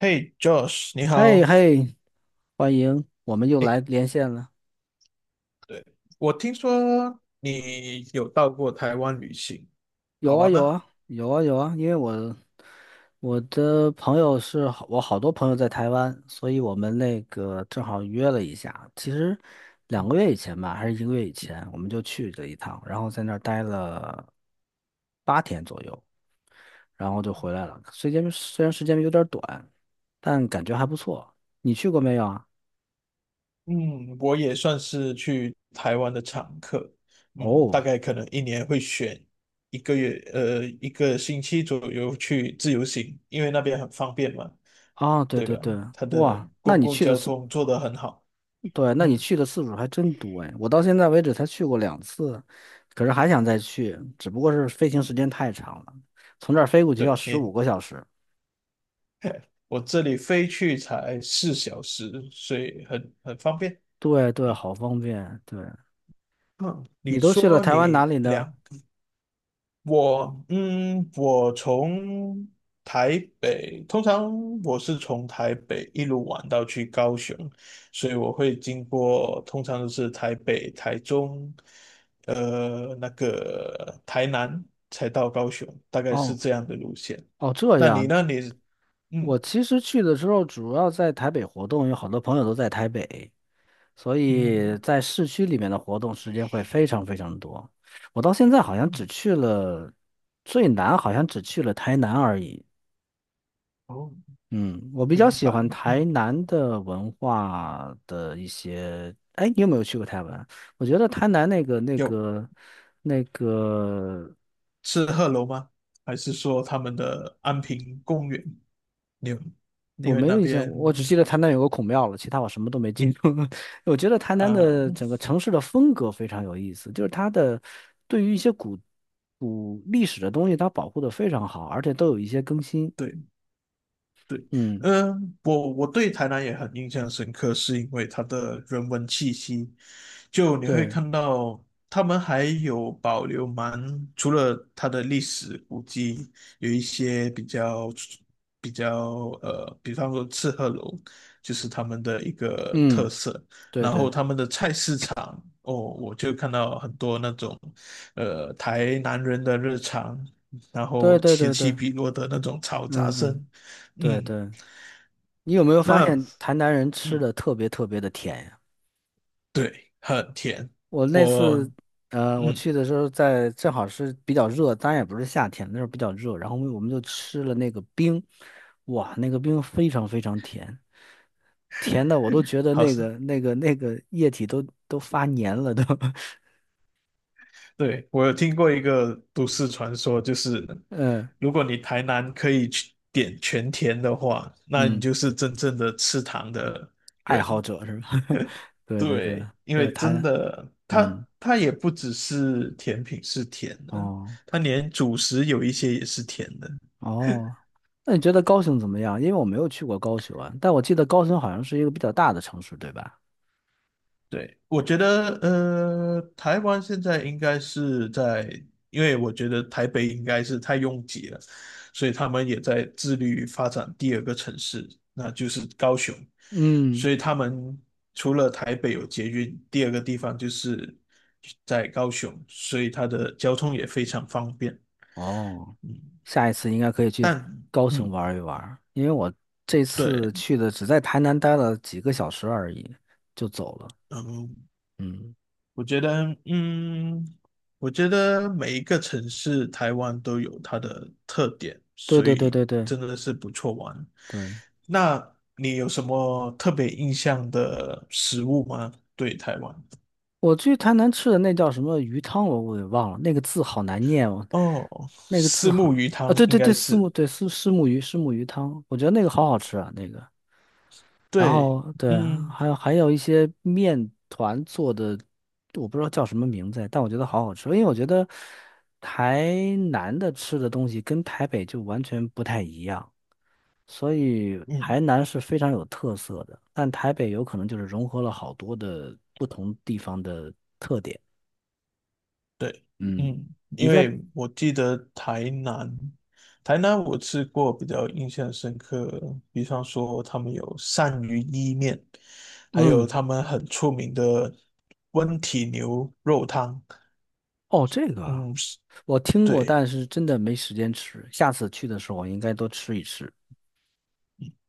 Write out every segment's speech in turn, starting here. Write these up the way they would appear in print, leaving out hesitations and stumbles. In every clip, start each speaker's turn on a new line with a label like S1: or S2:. S1: 嘿，Josh，你
S2: 嘿
S1: 好。
S2: 嘿，欢迎，我们又
S1: 哎，
S2: 来连线了。
S1: 对，我听说你有到过台湾旅行，
S2: 有
S1: 好
S2: 啊
S1: 玩
S2: 有
S1: 吗？
S2: 啊有啊有啊，因为我好多朋友在台湾，所以我们那个正好约了一下。其实2个月以前吧，还是一个月以前，我们就去了一趟，然后在那儿待了八天左右，然后就回来了。虽然时间有点短，但感觉还不错。你去过没有啊？
S1: 嗯，我也算是去台湾的常客。嗯，
S2: 哦，
S1: 大概可能一年会选一个月，一个星期左右去自由行，因为那边很方便嘛，
S2: 啊，对
S1: 对吧？
S2: 对对，
S1: 它的
S2: 哇，那
S1: 公
S2: 你
S1: 共
S2: 去的
S1: 交
S2: 是？
S1: 通做得很好。
S2: 对，那你
S1: 嗯，
S2: 去的次数还真多哎，我到现在为止才去过两次，可是还想再去，只不过是飞行时间太长了，从这儿飞过去要
S1: 对，
S2: 十五个小时。
S1: 我这里飞去才四小时，所以很方便。
S2: 对对，
S1: 嗯
S2: 好方便。对，
S1: 嗯，你
S2: 你都去了
S1: 说
S2: 台湾哪
S1: 你
S2: 里呢？
S1: 两我从台北，通常我是从台北一路玩到去高雄，所以我会经过，通常都是台北、台中，那个台南才到高雄，大概是
S2: 哦
S1: 这样的路线。
S2: 哦，这
S1: 那你
S2: 样。
S1: 那你嗯
S2: 我其实去的时候主要在台北活动，有好多朋友都在台北，所以
S1: 嗯
S2: 在市区里面的活动时间会非常非常多。我到现在好像
S1: 嗯，
S2: 只去了最南，好像只去了台南而已。
S1: 哦，
S2: 嗯，我比较
S1: 明
S2: 喜
S1: 白，
S2: 欢
S1: 嗯，
S2: 台南的文化的一些。哎，你有没有去过台湾？我觉得台南那个、那
S1: 有。
S2: 个、那个，
S1: 是鹤楼吗？还是说他们的安平公园？你有你
S2: 我
S1: 会
S2: 没有
S1: 那
S2: 印象，我只
S1: 边
S2: 记得台南有个孔庙了，其他我什么都没记住。我觉得台南
S1: 啊、
S2: 的
S1: 呃
S2: 整个城市的风格非常有意思，就是它的对于一些古历史的东西，它保护的非常好，而且都有一些更新。
S1: 对对，
S2: 嗯，
S1: 嗯、我对台南也很印象深刻，是因为它的人文气息，就你会
S2: 对，
S1: 看到他们还有保留蛮，除了它的历史古迹，有一些比较比方说赤鹤楼，就是他们的一个特
S2: 嗯，
S1: 色。
S2: 对对
S1: 哦，我就看到很多那种，台南人的日常，然
S2: 对
S1: 后
S2: 对
S1: 此
S2: 对
S1: 起
S2: 对，
S1: 彼落的那种嘈杂
S2: 嗯嗯，
S1: 声。
S2: 对
S1: 嗯，
S2: 对。你有没有发
S1: 那，
S2: 现台南人吃
S1: 嗯，
S2: 的特别特别的甜呀？
S1: 对，很甜，
S2: 我那
S1: 我，
S2: 次，呃，我
S1: 嗯，
S2: 去的时候在正好是比较热，当然也不是夏天，那时候比较热，然后我们就吃了那个冰，哇，那个冰非常非常甜，甜的我都觉得
S1: 好
S2: 那
S1: 像，
S2: 个那个那个液体都发黏了都，
S1: 对，我有听过一个都市传说，就是
S2: 嗯
S1: 如果你台南可以去点全甜的话，那你
S2: 嗯，
S1: 就是真正的吃糖的
S2: 爱好
S1: 人。
S2: 者是吧？对对对，
S1: 对，因
S2: 我
S1: 为
S2: 台
S1: 真
S2: 南，
S1: 的，
S2: 嗯
S1: 它也不只是甜品是甜的，
S2: 哦。
S1: 它连主食有一些也是甜的。
S2: 哦，那你觉得高雄怎么样？因为我没有去过高雄啊，但我记得高雄好像是一个比较大的城市，对吧？
S1: 对，我觉得，台湾现在应该是在，因为我觉得台北应该是太拥挤了，所以他们也在致力于发展第二个城市，那就是高雄。
S2: 嗯，
S1: 所以他们除了台北有捷运，第二个地方就是在高雄，所以它的交通也非常方便。
S2: 哦，
S1: 嗯
S2: 下一次应该可以去
S1: 但
S2: 高雄
S1: 嗯，
S2: 玩一玩，因为我这
S1: 对，
S2: 次去的只在台南待了几个小时而已，就走了。
S1: 嗯，
S2: 嗯，
S1: 我觉得，嗯，我觉得每一个城市，台湾都有它的特点，
S2: 对
S1: 所
S2: 对对
S1: 以
S2: 对对
S1: 真的是不错玩。
S2: 对，
S1: 那你有什么特别印象的食物吗？对台湾？
S2: 我去台南吃的那叫什么鱼汤，我给忘了，那个字好难念哦，
S1: 哦，
S2: 那个字
S1: 虱
S2: 好
S1: 目鱼
S2: 啊，
S1: 汤
S2: 对
S1: 应
S2: 对
S1: 该
S2: 对，四
S1: 是。
S2: 目对丝虱目鱼汤，我觉得那个好好吃啊，那个。然
S1: 对，
S2: 后对，
S1: 嗯
S2: 还有一些面团做的，我不知道叫什么名字，但我觉得好好吃。因为我觉得台南的吃的东西跟台北就完全不太一样，所以
S1: 嗯，
S2: 台南是非常有特色的，但台北有可能就是融合了好多的不同地方的特点。
S1: 对，
S2: 嗯，
S1: 嗯，
S2: 你
S1: 因
S2: 在
S1: 为我记得台南，台南我吃过比较印象深刻，比方说他们有鳝鱼意面，还有
S2: 嗯
S1: 他们很出名的温体牛肉汤。
S2: 哦这个啊
S1: 嗯，
S2: 我听过，
S1: 对，
S2: 但是真的没时间吃，下次去的时候我应该多吃一吃。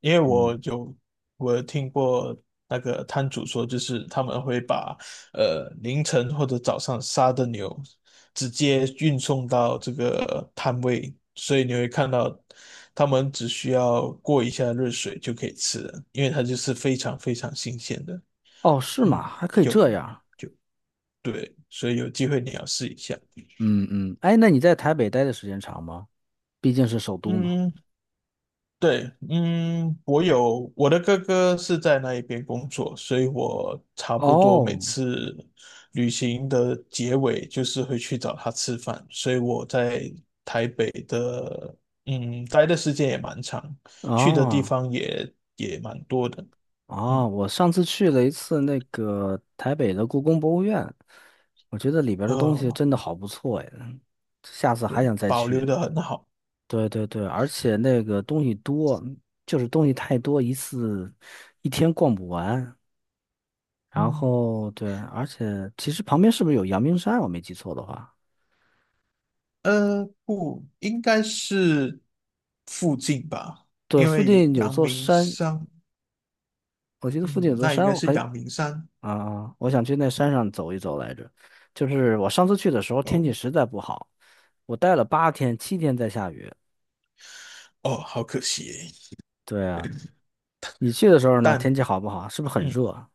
S1: 因为
S2: 嗯，
S1: 我有听过那个摊主说，就是他们会把凌晨或者早上杀的牛直接运送到这个摊位，所以你会看到他们只需要过一下热水就可以吃了，因为它就是非常非常新鲜的。
S2: 哦是
S1: 嗯，
S2: 吗？还可以
S1: 有，
S2: 这样。
S1: 对，所以有机会你要试一下。
S2: 嗯嗯，哎，那你在台北待的时间长吗？毕竟是首都嘛。
S1: 嗯，对，嗯，我的哥哥是在那一边工作，所以我差不多每
S2: 哦，
S1: 次旅行的结尾就是会去找他吃饭，所以我在台北的，嗯，待的时间也蛮长，去的地
S2: 啊
S1: 方也蛮多的。嗯，
S2: 啊，我上次去了一次那个台北的故宫博物院，我觉得里边儿的东西
S1: 呃，
S2: 真的好不错呀，下次还
S1: 对，
S2: 想再
S1: 保留
S2: 去。
S1: 的很好。
S2: 对对对，而且那个东西多，就是东西太多，一次一天逛不完。然
S1: 嗯，
S2: 后对，而且其实旁边是不是有阳明山？我没记错的话，
S1: 不，应该是附近吧，
S2: 对，
S1: 因
S2: 附
S1: 为
S2: 近有
S1: 阳
S2: 座
S1: 明
S2: 山，
S1: 山，
S2: 我记得附近有
S1: 嗯，
S2: 座
S1: 那应
S2: 山，
S1: 该
S2: 我
S1: 是
S2: 很
S1: 阳明山。
S2: 啊，我想去那山上走一走来着。就是我上次去的时候天
S1: 哦
S2: 气实在不好，我待了八天，7天在下雨。
S1: 哦，好可惜耶。
S2: 对啊，你去的时候呢，天
S1: 但
S2: 气好不好？是不是很
S1: 嗯，
S2: 热啊？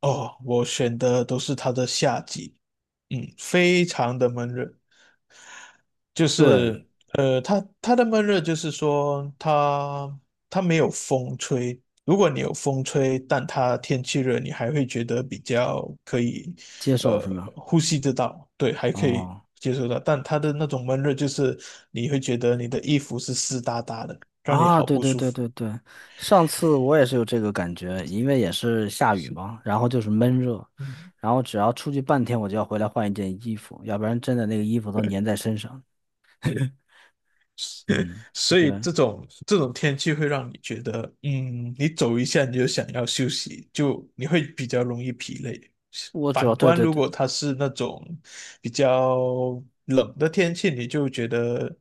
S1: 哦，我选的都是它的夏季。嗯，非常的闷热，就
S2: 对，
S1: 是它的闷热就是说它没有风吹，如果你有风吹，但它天气热，你还会觉得比较可以
S2: 接受
S1: 呃
S2: 是吗？
S1: 呼吸得到，对，还可以
S2: 哦，
S1: 接受到，但它的那种闷热就是你会觉得你的衣服是湿哒哒的，让你
S2: 啊，
S1: 好
S2: 对
S1: 不
S2: 对
S1: 舒
S2: 对
S1: 服。
S2: 对对，上次我也是有这个感觉，因为也是下雨
S1: 是。
S2: 嘛，然后就是闷热，
S1: 嗯。
S2: 然后只要出去半天，我就要回来换一件衣服，要不然真的那个衣服都粘在身上。嗯，
S1: 所
S2: 对，
S1: 以这种天气会让你觉得，嗯，你走一下你就想要休息，就你会比较容易疲累。
S2: 我主要
S1: 反
S2: 对
S1: 观
S2: 对
S1: 如
S2: 对，
S1: 果它是那种比较冷的天气，你就觉得，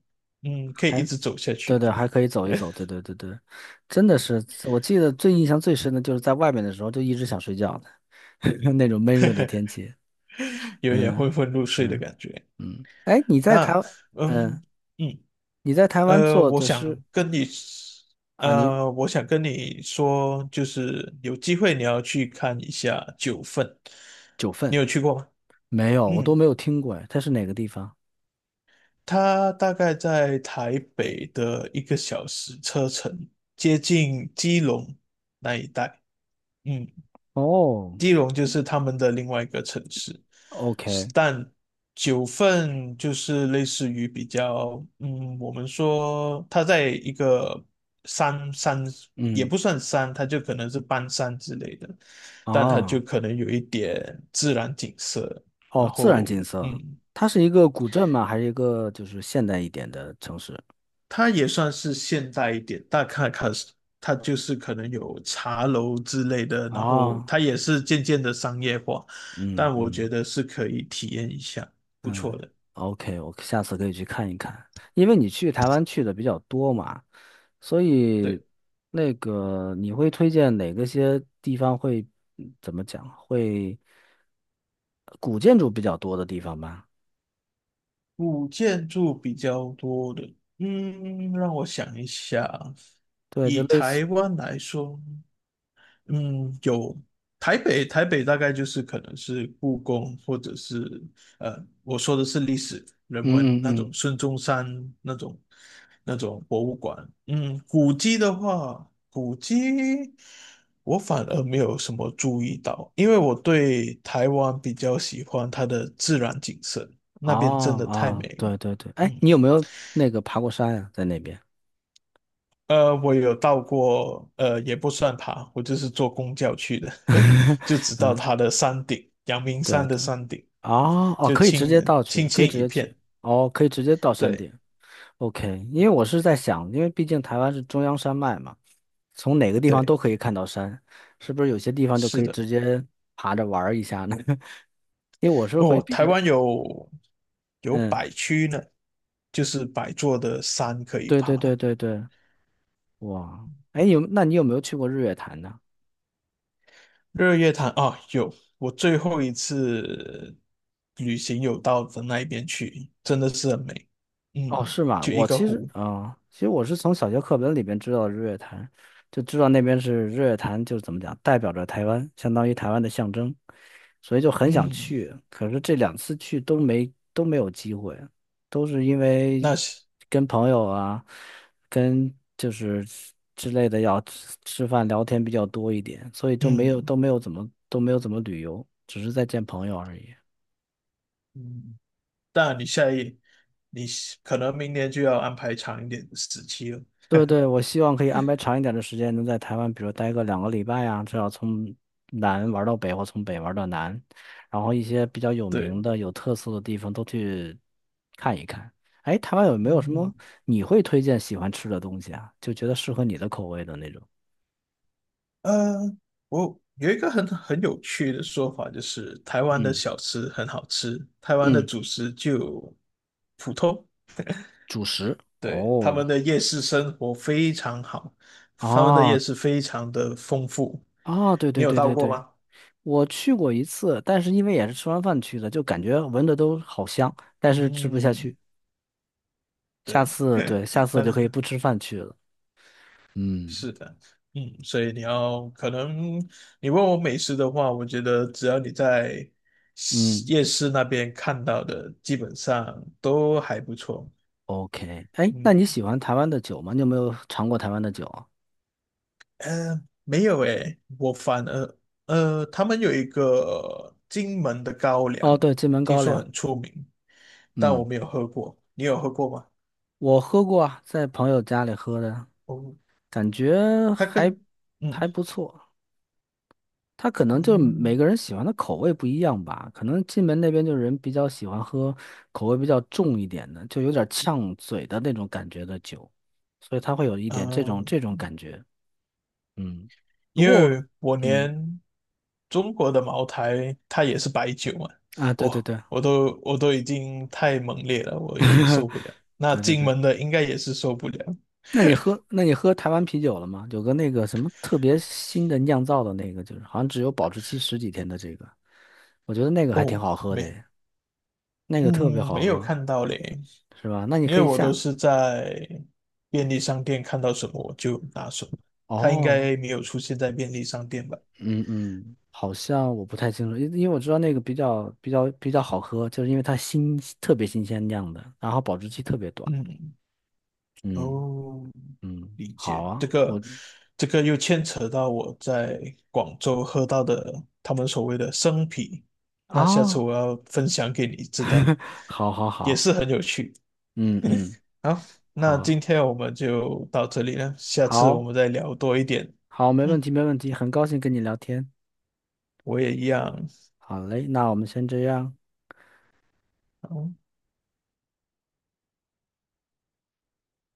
S1: 嗯，可以一
S2: 还
S1: 直走下
S2: 对对，
S1: 去。
S2: 还可以走一走，对对对对，真的是，我记得最印象最深的就是在外面的时候就一直想睡觉的，那种闷热的天气，
S1: 有点
S2: 嗯
S1: 昏昏入睡的
S2: 嗯
S1: 感觉。
S2: 嗯，哎，你在台
S1: 那，
S2: 湾，嗯，
S1: 嗯嗯。
S2: 你在台湾
S1: 呃，
S2: 做
S1: 我
S2: 的是
S1: 想跟你，
S2: 啊，你
S1: 我想跟你说，就是有机会你要去看一下《九份》，
S2: 九
S1: 你
S2: 份
S1: 有去过吗？
S2: 没有，我
S1: 嗯，
S2: 都没有听过，哎，它是哪个地方？
S1: 它大概在台北的一个小时车程，接近基隆那一带。嗯。
S2: 哦
S1: 基隆就是他们的另外一个城市，
S2: ，OK，
S1: 但九份就是类似于比较，嗯，我们说它在一个山，也
S2: 嗯，
S1: 不算山，它就可能是半山之类的，但它就
S2: 啊，
S1: 可能有一点自然景色，
S2: 哦，
S1: 然
S2: 自然
S1: 后
S2: 景色，
S1: 嗯。
S2: 它是一个古镇吗？还是一个就是现代一点的城市？
S1: 它也算是现代一点，大卡卡斯，它就是可能有茶楼之类的，然后
S2: 啊，
S1: 它也是渐渐的商业化，
S2: 嗯
S1: 但我觉
S2: 嗯。
S1: 得是可以体验一下，不错
S2: 嗯
S1: 的。
S2: ，OK，我下次可以去看一看，因为你去台湾去的比较多嘛，所以
S1: 对，
S2: 那个你会推荐哪个些地方会嗯怎么讲，会古建筑比较多的地方吧？
S1: 古建筑比较多的，嗯，让我想一下啊，
S2: 对，就
S1: 以
S2: 类似，
S1: 台湾来说。嗯，有台北，台北大概就是可能是故宫，或者是呃，我说的是历史人文
S2: 嗯
S1: 那种
S2: 嗯嗯，
S1: 孙中山那种那种博物馆。嗯，古迹的话，古迹我反而没有什么注意到，因为我对台湾比较喜欢它的自然景色，
S2: 哦
S1: 那边真的太
S2: 哦，
S1: 美了。
S2: 对对对，哎，
S1: 嗯。
S2: 你有没有那个爬过山呀、在那边？
S1: 我有到过，也不算爬，我就是坐公交去的，就直到
S2: 嗯，
S1: 它的山顶，阳明
S2: 对
S1: 山的
S2: 对，
S1: 山顶，
S2: 哦哦，
S1: 就
S2: 可以直
S1: 青
S2: 接到去，
S1: 青
S2: 可以
S1: 青
S2: 直
S1: 一
S2: 接去，
S1: 片。
S2: 哦，可以直接到山
S1: 对
S2: 顶，OK，因为我是在想，因为毕竟台湾是中央山脉嘛，从哪个地方都
S1: 对，
S2: 可以看到山，是不是有些地方就可
S1: 是
S2: 以
S1: 的。
S2: 直接爬着玩儿一下呢？因为我是会
S1: 哦，
S2: 比
S1: 台
S2: 较，
S1: 湾有有
S2: 嗯，
S1: 百区呢，就是百座的山可以
S2: 对对
S1: 爬。
S2: 对对对，哇，哎，有，那你有没有去过日月潭呢？
S1: 日月潭啊，有，我最后一次旅行有到的那一边去，真的是很美。
S2: 哦，
S1: 嗯，
S2: 是吗？
S1: 就一
S2: 我
S1: 个
S2: 其实，
S1: 湖。
S2: 嗯，其实我是从小学课本里边知道日月潭，就知道那边是日月潭，就是怎么讲，代表着台湾，相当于台湾的象征，所以就很想
S1: 嗯，
S2: 去。可是这两次去都没有机会，都是因
S1: 那
S2: 为
S1: 是
S2: 跟朋友啊，跟就是之类的要吃吃饭聊天比较多一点，所以就没有都
S1: 嗯。
S2: 没有怎么都没有怎么旅游，只是在见朋友而已。
S1: 嗯，当然你下一你可能明年就要安排长一点的时期了。
S2: 对对，我希望可以安排长一点的时间，能在台湾，比如待个2个礼拜啊，至少从南玩到北，或从北玩到南，然后一些比较有名
S1: 对，
S2: 的、有特色的地方都去看一看。哎，台湾有没有什么
S1: 嗯，
S2: 你会推荐喜欢吃的东西啊？就觉得适合你的口味的那种？
S1: 呃，我有一个很有趣的说法，就是台湾的小吃很好吃，台湾的
S2: 嗯，
S1: 主食就普通。
S2: 主食。
S1: 对，他
S2: 哦，
S1: 们的夜市生活非常好，他们的
S2: 啊
S1: 夜市非常的丰富。
S2: 啊，对
S1: 你
S2: 对
S1: 有
S2: 对
S1: 到
S2: 对
S1: 过
S2: 对，
S1: 吗？
S2: 我去过一次，但是因为也是吃完饭去的，就感觉闻着都好香，但是吃不下
S1: 嗯，
S2: 去。下
S1: 对，
S2: 次，对，下 次就可以
S1: 那
S2: 不吃饭去了。嗯
S1: 是的。嗯，所以你要可能你问我美食的话，我觉得只要你在市
S2: 嗯，
S1: 夜市那边看到的，基本上都还不错。
S2: ，OK，哎，那
S1: 嗯，
S2: 你喜欢台湾的酒吗？你有没有尝过台湾的酒啊？
S1: 没有诶，我反而他们有一个金门的高
S2: 哦，
S1: 粱，
S2: 对，金门
S1: 听
S2: 高
S1: 说
S2: 粱，
S1: 很出名，但我
S2: 嗯，
S1: 没有喝过。你有喝过吗？
S2: 我喝过啊，在朋友家里喝的，
S1: 哦，
S2: 感觉
S1: 它
S2: 还
S1: 跟嗯
S2: 还不错。他可能就每
S1: 嗯。
S2: 个人喜欢的口味不一样吧，可能金门那边就人比较喜欢喝口味比较重一点的，就有点呛嘴的那种感觉的酒，所以他会有一点这种
S1: 嗯，
S2: 这
S1: 呃
S2: 种感觉。嗯，不
S1: 因
S2: 过，
S1: 为我
S2: 嗯
S1: 连中国的茅台它也是白酒嘛，
S2: 啊，对对
S1: 我
S2: 对
S1: 我都我都已经太猛烈了，我已经受不了。那
S2: 对对
S1: 金
S2: 对。
S1: 门的应该也是受不了。
S2: 那你喝台湾啤酒了吗？有个那个什么特别新的酿造的那个，就是好像只有保质期十几天的这个，我觉得那个还挺
S1: 哦，
S2: 好喝的
S1: 没，
S2: 诶那个特别
S1: 嗯，
S2: 好
S1: 没有
S2: 喝，
S1: 看到嘞，
S2: 是吧？那你
S1: 因
S2: 可
S1: 为
S2: 以
S1: 我都
S2: 下，
S1: 是在便利商店看到什么我就拿什么，它应
S2: 哦，
S1: 该没有出现在便利商店吧？
S2: 嗯嗯，好像我不太清楚，因为我知道那个比较好喝，就是因为它特别新鲜酿的，然后保质期特别短。
S1: 嗯，
S2: 嗯
S1: 哦，
S2: 嗯，
S1: 理
S2: 好
S1: 解。这
S2: 啊，
S1: 个，
S2: 我
S1: 这个又牵扯到我在广州喝到的他们所谓的生啤，那下次
S2: 啊，
S1: 我 要分享给你知道，
S2: 好好
S1: 也
S2: 好，
S1: 是很有趣。
S2: 嗯嗯，
S1: 好，那今
S2: 好
S1: 天我们就到这里了，下次我
S2: 好。
S1: 们再聊多一点。
S2: 好，没问
S1: 嗯，
S2: 题，没问题，很高兴跟你聊天。
S1: 我也一样。
S2: 好嘞，那我们先这样。
S1: 好